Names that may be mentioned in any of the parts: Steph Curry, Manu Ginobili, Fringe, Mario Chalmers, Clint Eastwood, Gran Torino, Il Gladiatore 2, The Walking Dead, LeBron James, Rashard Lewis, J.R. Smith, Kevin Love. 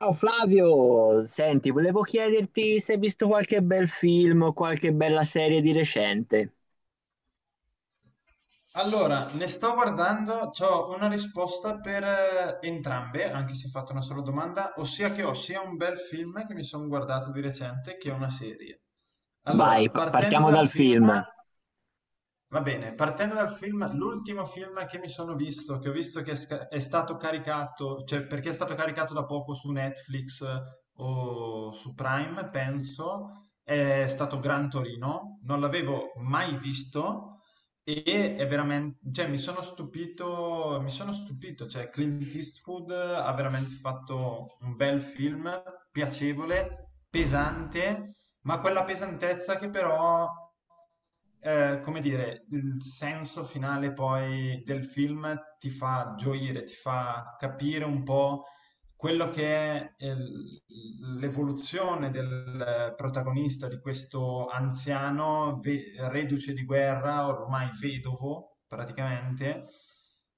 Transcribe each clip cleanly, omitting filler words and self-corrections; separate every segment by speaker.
Speaker 1: Ciao Flavio, senti, volevo chiederti se hai visto qualche bel film o qualche bella serie di recente.
Speaker 2: Allora, ne sto guardando, ho una risposta per entrambe, anche se ho fatto una sola domanda, ossia che ho sia un bel film che mi sono guardato di recente che una serie. Allora,
Speaker 1: Vai, p-
Speaker 2: partendo
Speaker 1: partiamo
Speaker 2: dal
Speaker 1: dal
Speaker 2: film.
Speaker 1: film.
Speaker 2: Va bene, partendo dal film, l'ultimo film che mi sono visto, che ho visto che è, è stato caricato, cioè perché è stato caricato da poco su Netflix o su Prime, penso, è stato Gran Torino. Non l'avevo mai visto e è veramente, cioè mi sono stupito, cioè Clint Eastwood ha veramente fatto un bel film, piacevole, pesante, ma quella pesantezza che però, come dire, il senso finale poi del film ti fa gioire, ti fa capire un po' quello che è l'evoluzione del protagonista, di questo anziano reduce di guerra, ormai vedovo praticamente,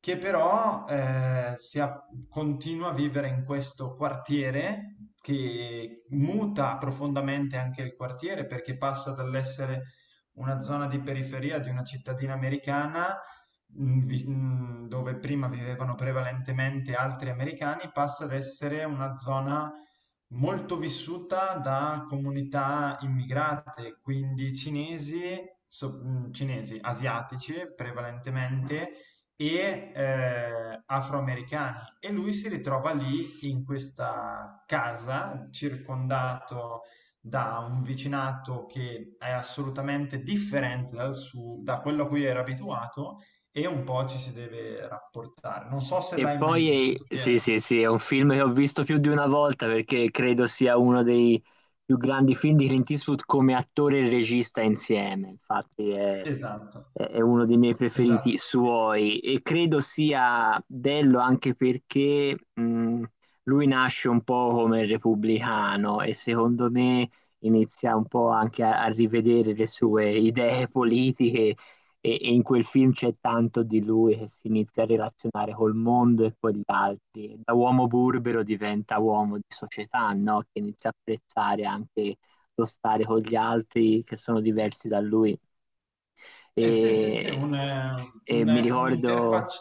Speaker 2: che però continua a vivere in questo quartiere, che muta profondamente anche il quartiere, perché passa dall'essere una zona di periferia di una cittadina americana, dove prima vivevano prevalentemente altri americani, passa ad essere una zona molto vissuta da comunità immigrate, quindi cinesi, cinesi, asiatici prevalentemente e afroamericani. E lui si ritrova lì in questa casa, circondato da un vicinato che è assolutamente differente dal suo, da quello a cui era abituato, e un po' ci si deve rapportare. Non so se
Speaker 1: E
Speaker 2: l'hai mai
Speaker 1: poi,
Speaker 2: visto.
Speaker 1: sì, sì, sì, è un film che ho visto più di una volta perché credo sia uno dei più grandi film di Clint Eastwood come attore e regista insieme. Infatti è,
Speaker 2: Esatto,
Speaker 1: è uno dei miei preferiti
Speaker 2: esatto.
Speaker 1: suoi e credo sia bello anche perché lui nasce un po' come repubblicano e secondo me inizia un po' anche a rivedere le sue idee politiche e in quel film c'è tanto di lui che si inizia a relazionare col mondo e con gli altri. Da uomo burbero diventa uomo di società, no? Che inizia a apprezzare anche lo stare con gli altri che sono diversi da lui.
Speaker 2: Eh sì, sì, sì,
Speaker 1: E,
Speaker 2: un,
Speaker 1: e mi ricordo.
Speaker 2: un'interfaccia.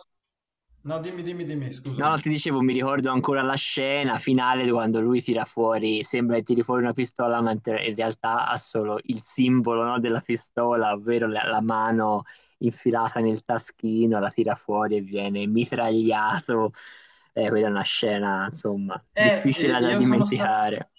Speaker 2: No, dimmi,
Speaker 1: No, no,
Speaker 2: scusami.
Speaker 1: ti dicevo, mi ricordo ancora la scena finale quando lui tira fuori, sembra che tiri fuori una pistola, mentre in realtà ha solo il simbolo, no, della pistola, ovvero la mano infilata nel taschino, la tira fuori e viene mitragliato. Quella è una scena, insomma, difficile da
Speaker 2: Io sono stato...
Speaker 1: dimenticare.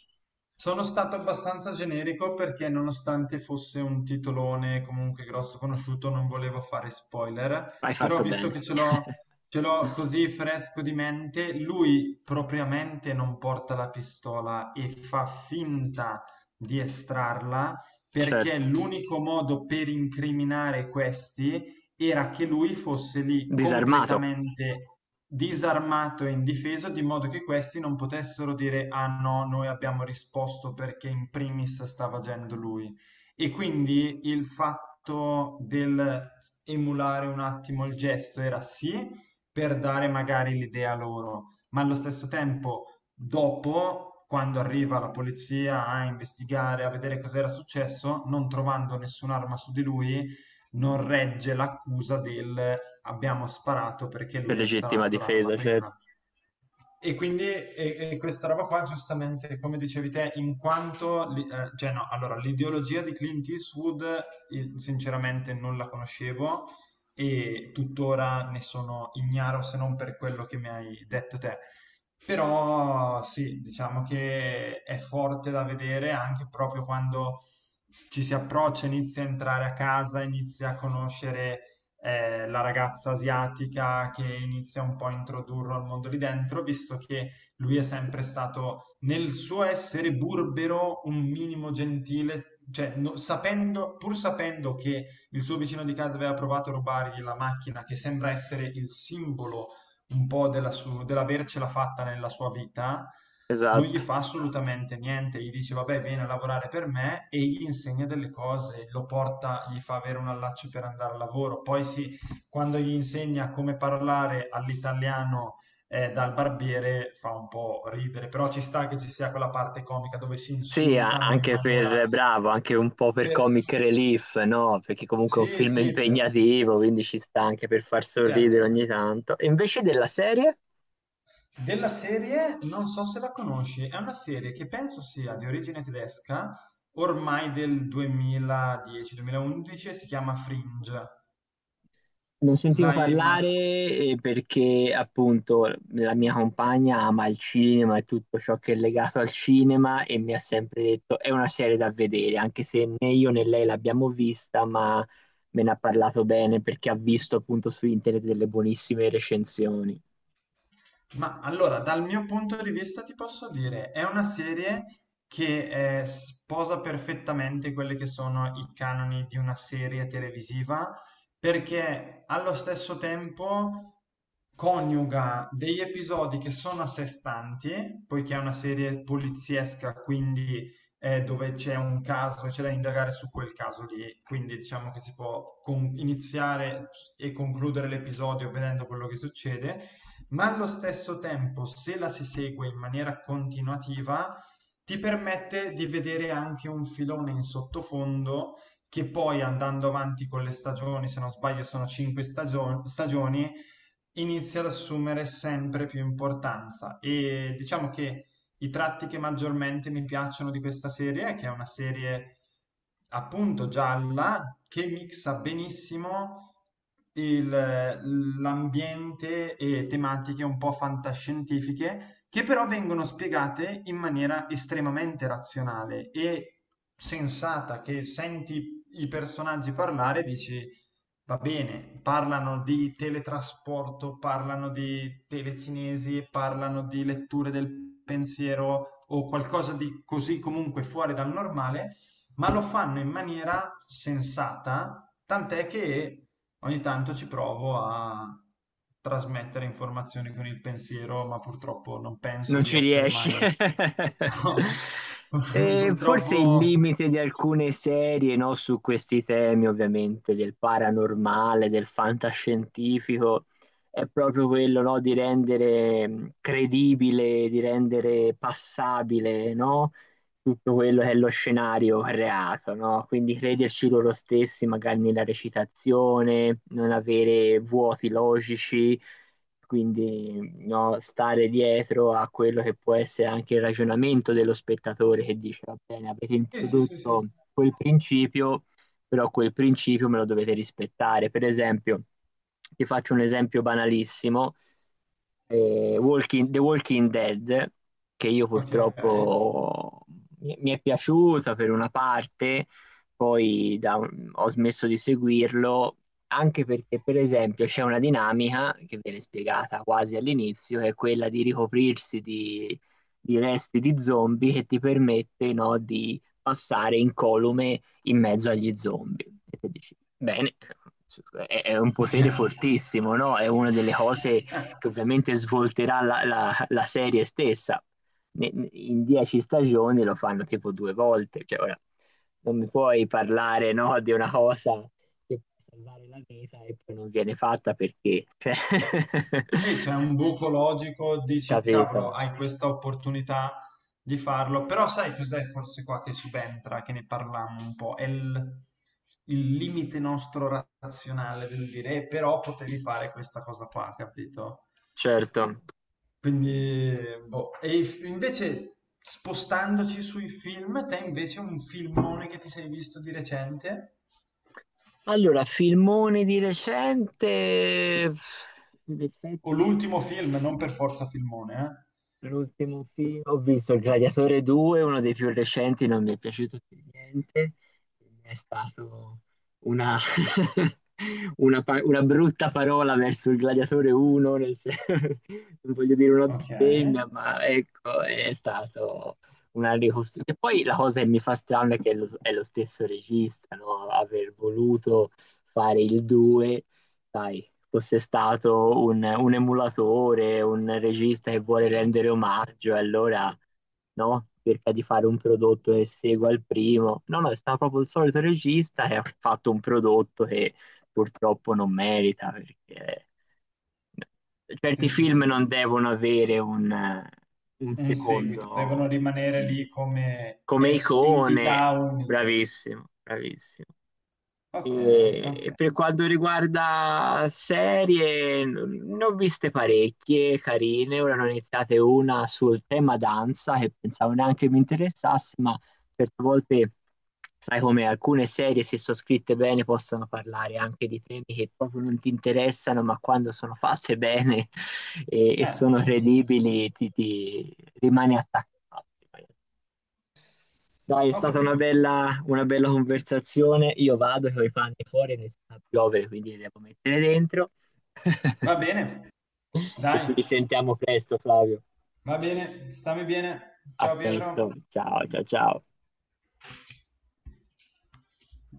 Speaker 2: Sono stato abbastanza generico perché, nonostante fosse un titolone comunque grosso, conosciuto, non volevo fare spoiler,
Speaker 1: Hai
Speaker 2: però
Speaker 1: fatto
Speaker 2: visto
Speaker 1: bene.
Speaker 2: che ce l'ho ce l'ho così fresco di mente, lui propriamente non porta la pistola e fa finta di estrarla, perché
Speaker 1: Certo,
Speaker 2: l'unico modo per incriminare questi era che lui fosse lì
Speaker 1: disarmato
Speaker 2: completamente disarmato e indifeso, di modo che questi non potessero dire: "Ah no, noi abbiamo risposto perché in primis stava agendo lui". E quindi il fatto del emulare un attimo il gesto era sì, per dare magari l'idea loro, ma allo stesso tempo, dopo, quando arriva la polizia a investigare, a vedere cos'era successo, non trovando nessun'arma su di lui, non regge l'accusa del abbiamo sparato perché
Speaker 1: per
Speaker 2: lui ha
Speaker 1: legittima
Speaker 2: estratto l'arma
Speaker 1: difesa, certo.
Speaker 2: prima. E quindi e questa roba qua, giustamente, come dicevi te, in quanto, cioè no, allora, l'ideologia di Clint Eastwood, sinceramente non la conoscevo e tuttora ne sono ignaro, se non per quello che mi hai detto te. Però sì, diciamo che è forte da vedere anche proprio quando ci si approccia, inizia a entrare a casa, inizia a conoscere la ragazza asiatica, che inizia un po' a introdurlo al mondo lì dentro, visto che lui è sempre stato nel suo essere burbero, un minimo gentile, cioè sapendo, pur sapendo che il suo vicino di casa aveva provato a rubargli la macchina, che sembra essere il simbolo un po' della su dell'avercela fatta nella sua vita, non gli
Speaker 1: Esatto.
Speaker 2: fa assolutamente niente, gli dice: "Vabbè, vieni a lavorare per me", e gli insegna delle cose, lo porta, gli fa avere un allaccio per andare al lavoro. Poi sì, quando gli insegna come parlare all'italiano, dal barbiere fa un po' ridere, però ci sta che ci sia quella parte comica dove si
Speaker 1: Sì, a-
Speaker 2: insultano in
Speaker 1: anche
Speaker 2: maniera.
Speaker 1: per bravo, anche un po' per
Speaker 2: Per
Speaker 1: comic relief, no? Perché comunque è un
Speaker 2: Sì,
Speaker 1: film
Speaker 2: sì, per
Speaker 1: impegnativo, quindi ci sta anche per far
Speaker 2: certo,
Speaker 1: sorridere
Speaker 2: cer
Speaker 1: ogni tanto. E invece della serie?
Speaker 2: della serie non so se la conosci, è una serie che penso sia di origine tedesca, ormai del 2010-2011, si chiama Fringe.
Speaker 1: Non sentivo
Speaker 2: L'hai mai...
Speaker 1: parlare perché appunto la mia compagna ama il cinema e tutto ciò che è legato al cinema e mi ha sempre detto è una serie da vedere, anche se né io né lei l'abbiamo vista, ma me ne ha parlato bene perché ha visto appunto su internet delle buonissime recensioni.
Speaker 2: Ma allora, dal mio punto di vista ti posso dire, è una serie che sposa perfettamente quelli che sono i canoni di una serie televisiva, perché allo stesso tempo coniuga degli episodi che sono a sé stanti, poiché è una serie poliziesca, quindi dove c'è un caso e c'è da indagare su quel caso lì, quindi diciamo che si può iniziare e concludere l'episodio vedendo quello che succede, ma allo stesso tempo, se la si segue in maniera continuativa, ti permette di vedere anche un filone in sottofondo, che poi andando avanti con le stagioni, se non sbaglio sono cinque stagioni, inizia ad assumere sempre più importanza. E diciamo che i tratti che maggiormente mi piacciono di questa serie è che è una serie appunto gialla, che mixa benissimo il- l'ambiente e tematiche un po' fantascientifiche, che però vengono spiegate in maniera estremamente razionale e sensata, che senti i personaggi parlare e dici: "Va bene, parlano di teletrasporto, parlano di telecinesi, parlano di letture del pensiero o qualcosa di così comunque fuori dal normale, ma lo fanno in maniera sensata", tant'è che ogni tanto ci provo a trasmettere informazioni con il pensiero, ma purtroppo non penso
Speaker 1: Non
Speaker 2: di
Speaker 1: ci
Speaker 2: essere
Speaker 1: riesci.
Speaker 2: mai... No,
Speaker 1: E forse il
Speaker 2: purtroppo...
Speaker 1: limite di alcune serie, no, su questi temi, ovviamente, del paranormale, del fantascientifico, è proprio quello, no, di rendere credibile, di rendere passabile, no, tutto quello che è lo scenario creato, no? Quindi crederci loro stessi, magari nella recitazione, non avere vuoti logici quindi no, stare dietro a quello che può essere anche il ragionamento dello spettatore che dice, va bene, avete
Speaker 2: Sì, sì, sì, sì.
Speaker 1: introdotto quel principio, però quel principio me lo dovete rispettare. Per esempio, ti faccio un esempio banalissimo The Walking Dead, che io
Speaker 2: Ok.
Speaker 1: purtroppo mi è piaciuta per una parte, poi ho smesso di seguirlo, anche perché, per esempio, c'è una dinamica che viene spiegata quasi all'inizio, che è quella di ricoprirsi di, resti di zombie che ti permette, no, di passare incolume in mezzo agli zombie. E te dici, bene, è un potere
Speaker 2: Eh,
Speaker 1: fortissimo, no? È una delle cose che ovviamente svolterà la serie stessa. In 10 stagioni lo fanno tipo 2 volte, cioè ora non mi puoi parlare, no, di una cosa che può salvare la vita e poi non viene fatta perché, cioè,
Speaker 2: e c'è un buco logico, dici
Speaker 1: capito?
Speaker 2: cavolo, hai questa opportunità di farlo, però sai cos'è forse qua che subentra, che ne parlammo un po', è il limite nostro razionale del dire: però potevi fare questa cosa qua, capito?"
Speaker 1: Certo.
Speaker 2: Quindi, boh. Invece spostandoci sui film, te invece un filmone che ti sei visto di recente?
Speaker 1: Allora, filmone di recente, in
Speaker 2: O
Speaker 1: effetti.
Speaker 2: l'ultimo film, non per forza filmone, eh?
Speaker 1: L'ultimo film, ho visto Il Gladiatore 2, uno dei più recenti, non mi è piaciuto per niente, è stato una, una brutta parola verso il Gladiatore 1, non voglio dire una
Speaker 2: Ok,
Speaker 1: bestemmia, ma ecco, è stato una ricostruzione. E poi la cosa che mi fa strano è che è lo stesso regista, no? Aver voluto fare il 2, sai, fosse stato un emulatore, un regista che vuole rendere omaggio, e allora no? Cerca di fare un prodotto che segua il primo. No, no, è stato proprio il solito regista che ha fatto un prodotto che purtroppo non merita perché certi
Speaker 2: sì, sì,
Speaker 1: film
Speaker 2: sì,
Speaker 1: non devono avere un
Speaker 2: un seguito,
Speaker 1: secondo
Speaker 2: devono rimanere
Speaker 1: eh,
Speaker 2: lì come
Speaker 1: come icone.
Speaker 2: entità uniche.
Speaker 1: Bravissimo, bravissimo.
Speaker 2: Ok,
Speaker 1: E
Speaker 2: ok,
Speaker 1: per quanto riguarda serie, ne ho viste parecchie carine. Ora ne ho iniziate una sul tema danza che pensavo neanche mi interessasse, ma certe volte sai come alcune serie, se sono scritte bene, possono parlare anche di temi che proprio non ti interessano, ma quando sono fatte bene e sono
Speaker 2: sì, sì, sì.
Speaker 1: credibili, ti rimani attaccato. Dai, è
Speaker 2: Ho
Speaker 1: stata una
Speaker 2: capito.
Speaker 1: bella, una bella conversazione. Io vado che ho i panni fuori, inizia a piovere, quindi li devo mettere dentro.
Speaker 2: Va bene,
Speaker 1: E
Speaker 2: dai,
Speaker 1: ci risentiamo presto, Flavio.
Speaker 2: va bene, stammi bene.
Speaker 1: A
Speaker 2: Ciao Pietro.
Speaker 1: presto. Ciao, ciao, ciao.